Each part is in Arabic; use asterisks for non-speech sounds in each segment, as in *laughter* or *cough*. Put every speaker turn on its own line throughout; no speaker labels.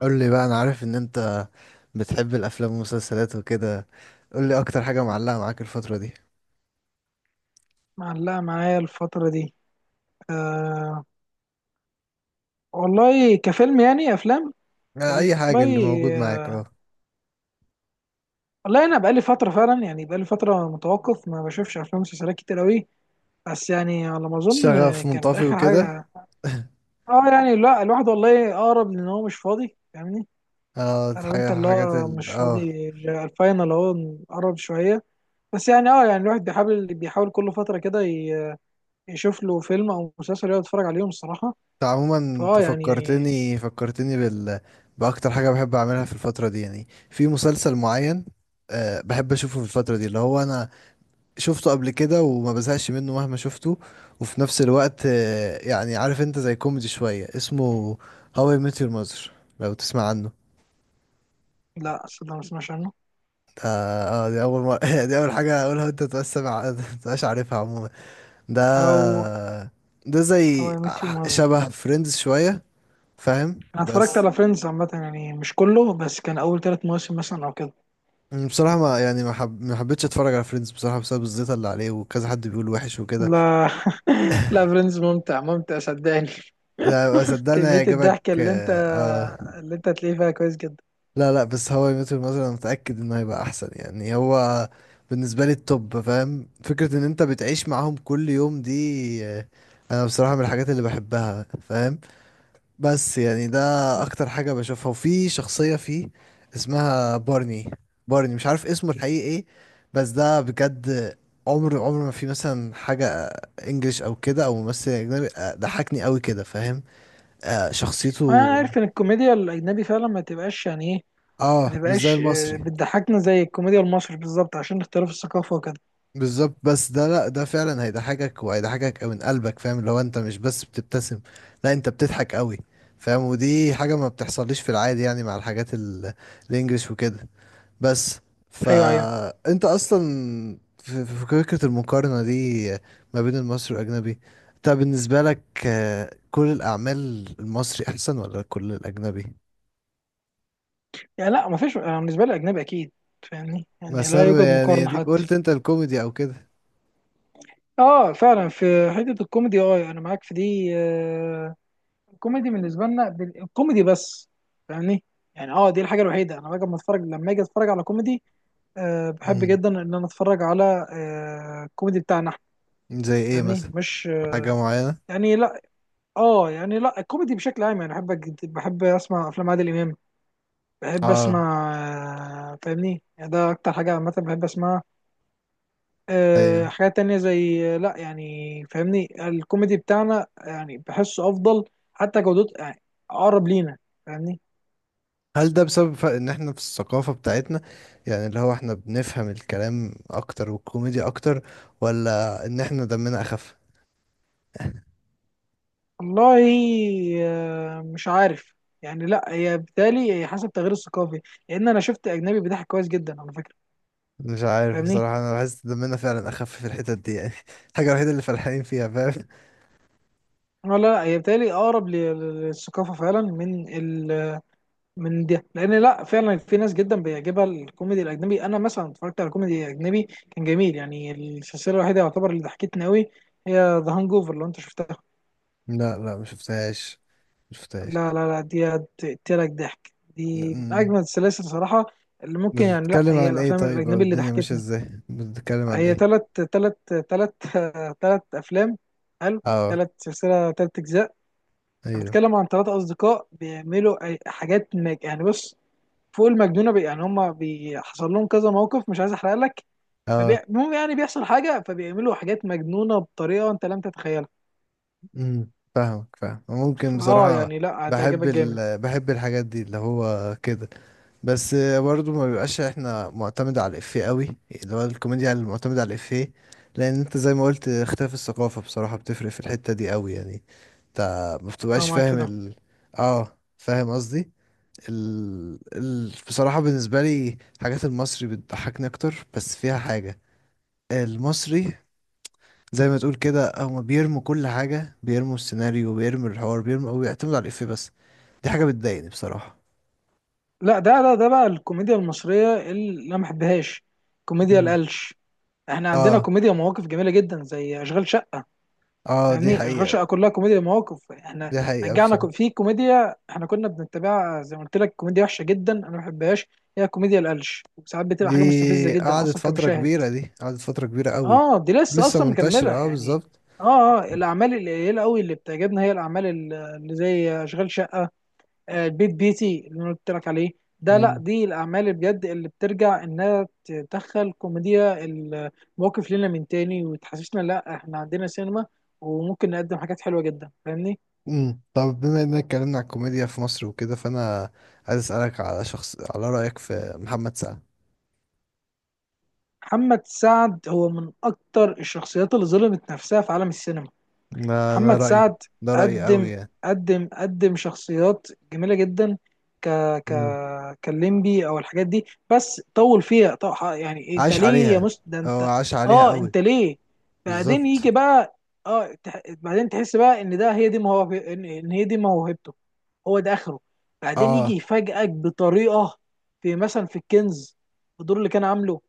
قول لي بقى، انا عارف ان انت بتحب الافلام والمسلسلات وكده. قول لي اكتر حاجه معلقه معاك الفتره دي.
معلقة معايا الفترة دي. أه. والله كفيلم، يعني أفلام.
آه، اي حاجه
والله.
اللي موجود معاك.
أه
اه
والله أنا بقالي فترة فعلا، يعني بقالي فترة متوقف، ما بشوفش أفلام ومسلسلات كتير أوي. بس يعني على ما أظن
شغف
كانت
منطفي
آخر
وكده.
حاجة.
*laughs*
يعني لا، الواحد والله أقرب، لأن هو مش فاضي، فاهمني.
اه
عارف أنت اللي
حاجات
هو
ال
مش
اه
فاضي، الفاينل أهو، قرب شوية. بس يعني أه يعني الواحد بيحاول كل فترة كده، يشوف له فيلم أو مسلسل يقعد يتفرج عليهم الصراحة.
انت عموما،
فأه يعني
فكرتني باكتر حاجه بحب اعملها في الفتره دي، يعني في مسلسل معين. بحب اشوفه في الفتره دي، اللي هو انا شفته قبل كده وما بزهقش منه مهما شفته. وفي نفس الوقت، يعني عارف انت زي كوميدي شوية اسمه هاو اي ميت يور ماذر. لو تسمع عنه.
لا، صدق، ما سمعش عنه.
ده اه دي اول مرة. *laughs* دي اول حاجة اقولها انت تبقاش سامع. *laughs* تبقاش عارفها عموما. ده
او هاو
زي
اي ميت يو ماذر.
شبه فريندز شوية، فاهم
انا اتفرجت
بس.
على فريندز عامه، يعني مش كله، بس كان اول ثلاث مواسم مثلا او كده.
بصراحة ما يعني ما, حب... ما حبيتش اتفرج على فريندز بصراحة، بسبب الزيطة اللي عليه وكذا حد بيقول وحش وكده.
لا *laughs* لا، فريندز ممتع ممتع صدقني.
لا، صدقني
كميه
هيعجبك،
الضحك اللي انت،
اه. آه.
اللي انت هتلاقيه فيها كويس جدا.
لا، لا، بس هو مثلا متأكد انه هيبقى احسن، يعني هو بالنسبة لي التوب. فاهم فكرة ان انت بتعيش معاهم كل يوم دي، انا بصراحة من الحاجات اللي بحبها، فاهم. بس يعني ده
لا،
اكتر حاجة بشوفها. وفي شخصية فيه اسمها بارني. بارني مش عارف اسمه الحقيقي ايه، بس ده بجد، عمر عمر ما في مثلا حاجة انجليش او كده او ممثل اجنبي، ضحكني قوي كده، فاهم.
انا
شخصيته.
عارف ان الكوميديا الاجنبي فعلا ما تبقاش يعني ايه،
اه،
ما
مش زي
تبقاش
المصري
بتضحكنا زي الكوميديا المصري بالظبط عشان اختلاف الثقافه وكده.
بالظبط. بس ده، لا، ده فعلا هيضحكك وهيضحكك من قلبك، فاهم؟ اللي هو انت مش بس بتبتسم، لا، انت بتضحك قوي. فاهم؟ ودي حاجة ما بتحصليش في العادي، يعني مع الحاجات الانجليش وكده بس.
ايوه ايوه.
فانت اصلا، في فكرة المقارنة دي ما بين المصري والاجنبي، انت بالنسبة لك، كل الاعمال المصري احسن ولا كل الاجنبي؟
يعني لا، ما فيش، أنا بالنسبه لي اجنبي اكيد، فاهمني، يعني لا
مثلا
يوجد
يعني
مقارنه
ديك،
حتى.
قلت انت الكوميدي او كده.
اه فعلا، في حته الكوميدي، اه انا معاك في دي الكوميدي بالنسبه لنا الكوميدي بس، فاهمني. يعني اه، دي الحاجه الوحيده، انا باجي لما اتفرج، لما اجي اتفرج على كوميدي، أه بحب
امم
جدا ان انا اتفرج على، أه الكوميدي بتاعنا احنا.
زي ايه
فاهمني،
مثلا؟
مش
حاجة
أه،
معينة؟
يعني لا. اه يعني لا، الكوميدي بشكل عام، يعني بحب بحب اسمع افلام عادل امام، بحب
اه،
اسمع، أه، فاهمني، يعني ده اكتر حاجه عامه بحب اسمعها. أه
ايوه.
حاجات تانية زي لا يعني، فاهمني الكوميدي بتاعنا يعني بحسه افضل، حتى جودته يعني، اقرب لينا، فاهمني.
هل ده بسبب ان احنا في الثقافة بتاعتنا، يعني اللي هو احنا بنفهم الكلام اكتر والكوميديا اكتر، ولا ان احنا دمنا اخف؟
والله مش عارف. يعني لا، هي بالتالي هي حسب التغيير الثقافي، لان انا شفت اجنبي بيضحك كويس جدا على فكره،
مش عارف
فاهمني.
بصراحة، انا بحس دمنا فعلا اخف في الحتت دي يعني. *laughs* الحاجة الوحيدة اللي فالحين فيها، فاهم.
لا هي بالتالي اقرب للثقافه فعلا، من ال، من ده. لان لا، فعلا في ناس جدا بيعجبها الكوميدي الاجنبي. انا مثلا اتفرجت على كوميدي اجنبي كان جميل، يعني السلسله الوحيده يعتبر اللي ضحكتني قوي هي ذا هانج اوفر، لو انت شفتها.
لا، لا، مشفتهاش. مشفتهاش.
لا, دي هتقتلك ضحك،
م-
دي من
م.
اجمل السلاسل صراحه. اللي ممكن، يعني لا،
بتتكلم
هي
عن ايه
الافلام
طيب؟ او
الاجنبي اللي
الدنيا ماشية
ضحكتني.
ازاي، بتتكلم عن
هي
ايه؟
تلت *laughs* تلت افلام. حلو.
اه،
تلت سلسله تلت اجزاء.
ايوه.
بتكلم عن تلات اصدقاء بيعملوا حاجات مج... يعني بص، فوق المجنونه بي... يعني هما بيحصل لهم كذا موقف، مش عايز احرق لك. فبي...
اه.
المهم يعني بيحصل حاجه فبيعملوا حاجات مجنونه بطريقه انت لم تتخيلها.
فاهمك، فاهم. ممكن
اه
بصراحة.
يعني لا، هتعجبك جامد.
بحب الحاجات دي اللي هو كده. بس برضه ما بيبقاش احنا معتمد على الإفيه قوي، اللي هو الكوميديا اللي معتمدة على الإفيه. لأن انت زي ما قلت، اختلاف الثقافة بصراحة بتفرق في الحتة دي قوي يعني. انت ما
اه
بتبقاش
معاك في
فاهم
ده.
اه، فاهم قصدي. بصراحة بالنسبة لي حاجات المصري بتضحكني أكتر، بس فيها حاجة. المصري زي ما تقول كده، هما بيرموا كل حاجة، بيرموا السيناريو، بيرموا الحوار، بيرموا أو بيعتمدوا على الإفيه بس. دي حاجة بتضايقني بصراحة.
لا ده بقى الكوميديا المصريه اللي انا ما بحبهاش، كوميديا
مم.
القلش. احنا عندنا
اه،
كوميديا مواقف جميله جدا، زي اشغال شقه.
اه، دي
يعني اشغال
حقيقة.
شقه كلها كوميديا مواقف. احنا
دي حقيقة
رجعنا
بصراحة.
في كوميديا احنا كنا بنتبعها، زي ما قلت لك، كوميديا وحشه جدا انا ما بحبهاش، هي كوميديا القلش. ساعات بتبقى حاجه مستفزه
دي
جدا اصلا كمشاهد.
دي قعدت فترة كبيرة قوي.
اه دي لسه
لسه
اصلا مكمله
منتشرة، اه،
يعني.
بالظبط.
اه اه, الاعمال القليله قوي اللي بتعجبنا هي الاعمال اللي زي اشغال شقه، البيت بيتي اللي انا قلت لك عليه. ده لا،
مم.
دي الاعمال اللي بجد، اللي بترجع انها تدخل كوميديا المواقف لنا من تاني، وتحسسنا لا احنا عندنا سينما وممكن نقدم حاجات حلوه جدا، فاهمني.
مم. طب بما اننا اتكلمنا على الكوميديا في مصر وكده، فانا عايز اسألك على رأيك في محمد سعد.
محمد سعد هو من اكتر الشخصيات اللي ظلمت نفسها في عالم السينما.
ده انا
محمد
رأيي،
سعد
ده رأيي قوي
قدم
يعني.
قدم شخصيات جميله جدا. ك ك
مم.
كليمبي او الحاجات دي، بس طول فيها طو... يعني انت
عاش
ليه يا
عليها.
مست، ده
هو
انت.
عاش عليها
اه
قوي.
انت ليه بعدين
بالظبط.
يجي بقى. اه تح... بعدين تحس بقى ان ده هي دي موهب، ان إن هي دي موهبته، هو ده اخره. بعدين يجي
اه،
يفاجئك بطريقه، في مثلا في الكنز، الدور اللي كان عامله،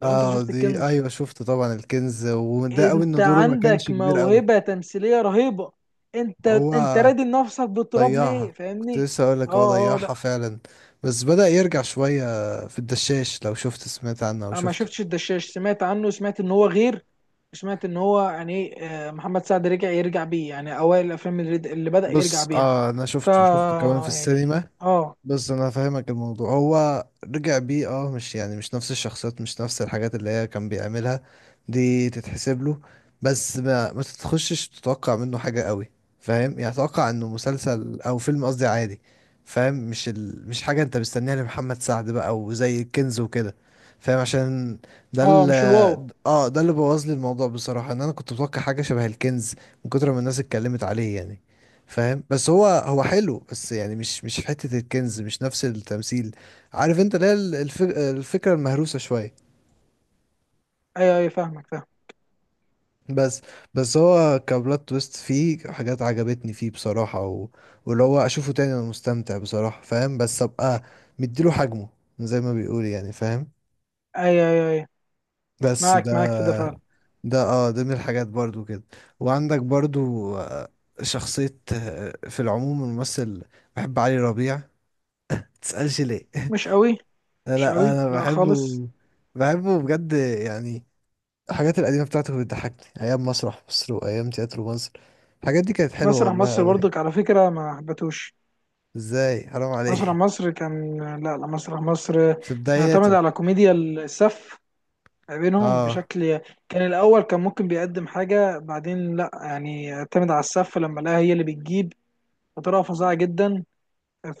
لو انت
اه،
شفت
دي
الكنز.
ايوه شفت طبعا الكنز، وده قوي
انت
ان دوره ما كانش
عندك
كبير قوي.
موهبة تمثيلية رهيبة، انت،
هو
انت رادي نفسك بالتراب ليه،
ضيعها. كنت
فاهمني.
لسه اقول لك هو
اه اه,
ضيعها
لا،
فعلا. بس بدأ يرجع شوية في الدشاش، لو شفت سمعت عنه او
انا ما
شفته.
شفتش الدشاش، سمعت عنه، سمعت ان هو غير، سمعت ان هو يعني ايه، محمد سعد رجع، يرجع بيه يعني اوائل الافلام اللي بدأ يرجع
بص،
بيها.
انا
ف،
شفته كمان في
يعني
السينما.
اه.
بس انا فاهمك، الموضوع هو رجع بيه، مش يعني، مش نفس الشخصيات، مش نفس الحاجات اللي هي كان بيعملها. دي تتحسب له. بس ما تتخشش تتوقع منه حاجة قوي. فاهم يعني؟ اتوقع انه مسلسل او فيلم، قصدي عادي. فاهم. مش حاجة انت مستنيها لمحمد سعد بقى وزي الكنز وكده. فاهم، عشان ده
اه مش الواو.
اه، ده اللي بوظ لي الموضوع بصراحة، ان انا كنت متوقع حاجة شبه الكنز من كتر ما الناس اتكلمت عليه يعني. فاهم. بس هو حلو، بس يعني مش حتة الكنز، مش نفس التمثيل. عارف انت اللي هي الفكرة المهروسة شوية.
ايوه ايوه، فاهمك فاهم.
بس هو كبلوت تويست، فيه حاجات عجبتني فيه بصراحة، واللي هو اشوفه تاني انا مستمتع بصراحة، فاهم. بس ابقى مديله حجمه، زي ما بيقول يعني، فاهم.
ايوه ايوه ايوه،
بس
معاك معاك
ده،
في ده فعلا.
ده من الحاجات برضو كده. وعندك برضو، شخصية، في العموم الممثل بحب علي ربيع. متسألش ليه. *laughs*
مش قوي. مش
لا،
قوي
انا
لا
بحبه.
خالص.
بحبه بجد يعني، الحاجات القديمه بتاعته بتضحكني، ايام مسرح مصر وايام تياترو مصر. الحاجات دي كانت حلوه
مسرح
والله
مصر
قوي.
برضك على فكرة ما حبتوش.
ازاي؟ حرام
مسرح
عليه.
مصر كان، لا لا، مسرح مصر
في
معتمد
بداياته.
على كوميديا السف ما بينهم
اه.
بشكل. كان الأول كان ممكن بيقدم حاجة، بعدين لا، يعني اعتمد على السف لما لقاها هي اللي بتجيب بطريقة فظيعة جدا.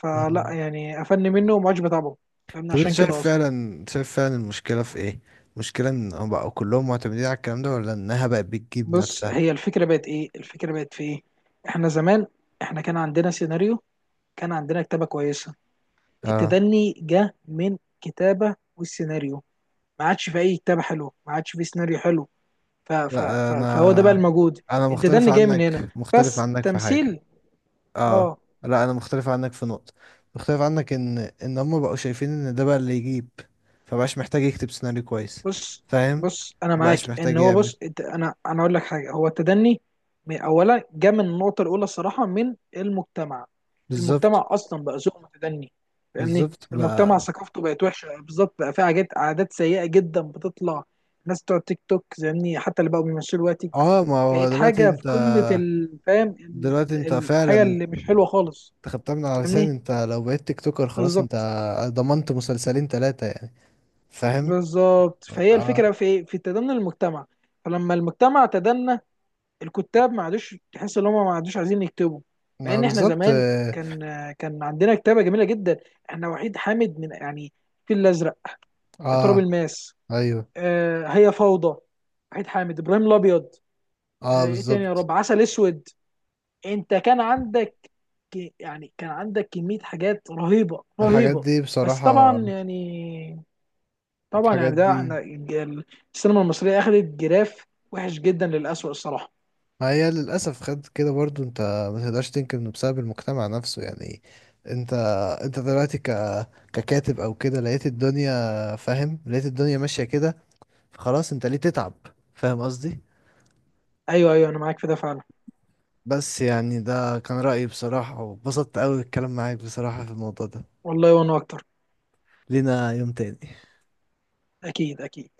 فلا
مم.
يعني قفلني منه وما عادش بتابعه. فاهمني،
طب انت
عشان كده أصلا.
شايف فعلا المشكله في ايه؟ المشكله ان هم بقوا كلهم معتمدين على الكلام ده، ولا انها بقت بتجيب نفسها؟
هي الفكرة بقت إيه، الفكرة بقت في إيه. إحنا زمان، إحنا كان عندنا سيناريو، كان عندنا كتابة كويسة.
اه،
التدني جه من كتابة والسيناريو، ما عادش في أي كتابة حلوة، ما عادش في سيناريو حلو. ف ف
لا،
ف فهو ده بقى
انا
الموجود،
انا
الديدان اللي جاي من هنا،
مختلف
بس
عنك في حاجه.
تمثيل.
اه،
اه.
لا، انا مختلف عنك في نقطة، مختلف عنك ان هم بقوا شايفين ان ده بقى اللي يجيب، فبقاش محتاج يكتب سيناريو كويس.
بص
فاهم.
بص انا معاك،
مبقاش
ان
محتاج
هو
يعمل.
بص، انا اقول لك حاجه، هو التدني، اولا جه من النقطه الاولى الصراحه من المجتمع.
بالظبط.
المجتمع اصلا بقى ذوق متدني، فاهمني،
بالظبط
المجتمع
بقى،
ثقافته بقت وحشه بالظبط، بقى في حاجات عادات سيئه جدا بتطلع، الناس بتوع تيك توك، فاهمني، حتى اللي بقوا بيمثلوا دلوقتي
اه. ما هو
بقت حاجه في قمه الفهم،
دلوقتي انت
الحاجه
فعلا.
اللي مش حلوه خالص،
انت خدتها من على لسان.
فاهمني،
انت لو بقيت تيك توكر خلاص، انت
بالظبط.
ضمنت مسلسلين ثلاثة يعني. فاهم.
بالظبط، فهي
اه،
الفكره في ايه؟ في تدني المجتمع. فلما المجتمع تدنى، الكتاب ما عادوش، تحس ان هم ما عادوش عايزين يكتبوا. مع
ما
ان احنا
بالظبط،
زمان
اه،
كان، كان عندنا كتابه جميله جدا. احنا وحيد حامد، من يعني الفيل الازرق، تراب
آه،
الماس،
ايوه،
آه هي فوضى، وحيد حامد، ابراهيم الابيض، آه
اه،
ايه تاني يا
بالظبط.
رب، عسل اسود. انت كان عندك، يعني كان عندك كميه حاجات رهيبه
الحاجات
رهيبه.
دي
بس
بصراحة،
طبعا يعني،
الحاجات
ده
دي
انا السينما المصريه اخذت جراف وحش جدا للاسوء الصراحه.
ما هي للأسف، خد كده برضو انت، ما تقدرش تنكر انه بسبب المجتمع نفسه يعني. انت، دلوقتي ككاتب او كده، لقيت الدنيا، فاهم. لقيت الدنيا ماشية كده، خلاص انت ليه تتعب؟ فاهم قصدي.
ايوه ايوه, انا معاك في ده فعلا.
بس يعني ده كان رأيي بصراحة، وبسطت قوي الكلام معاك بصراحة في الموضوع ده.
والله، وانا اكتر.
لينا يوم تاني.
اكيد اكيد.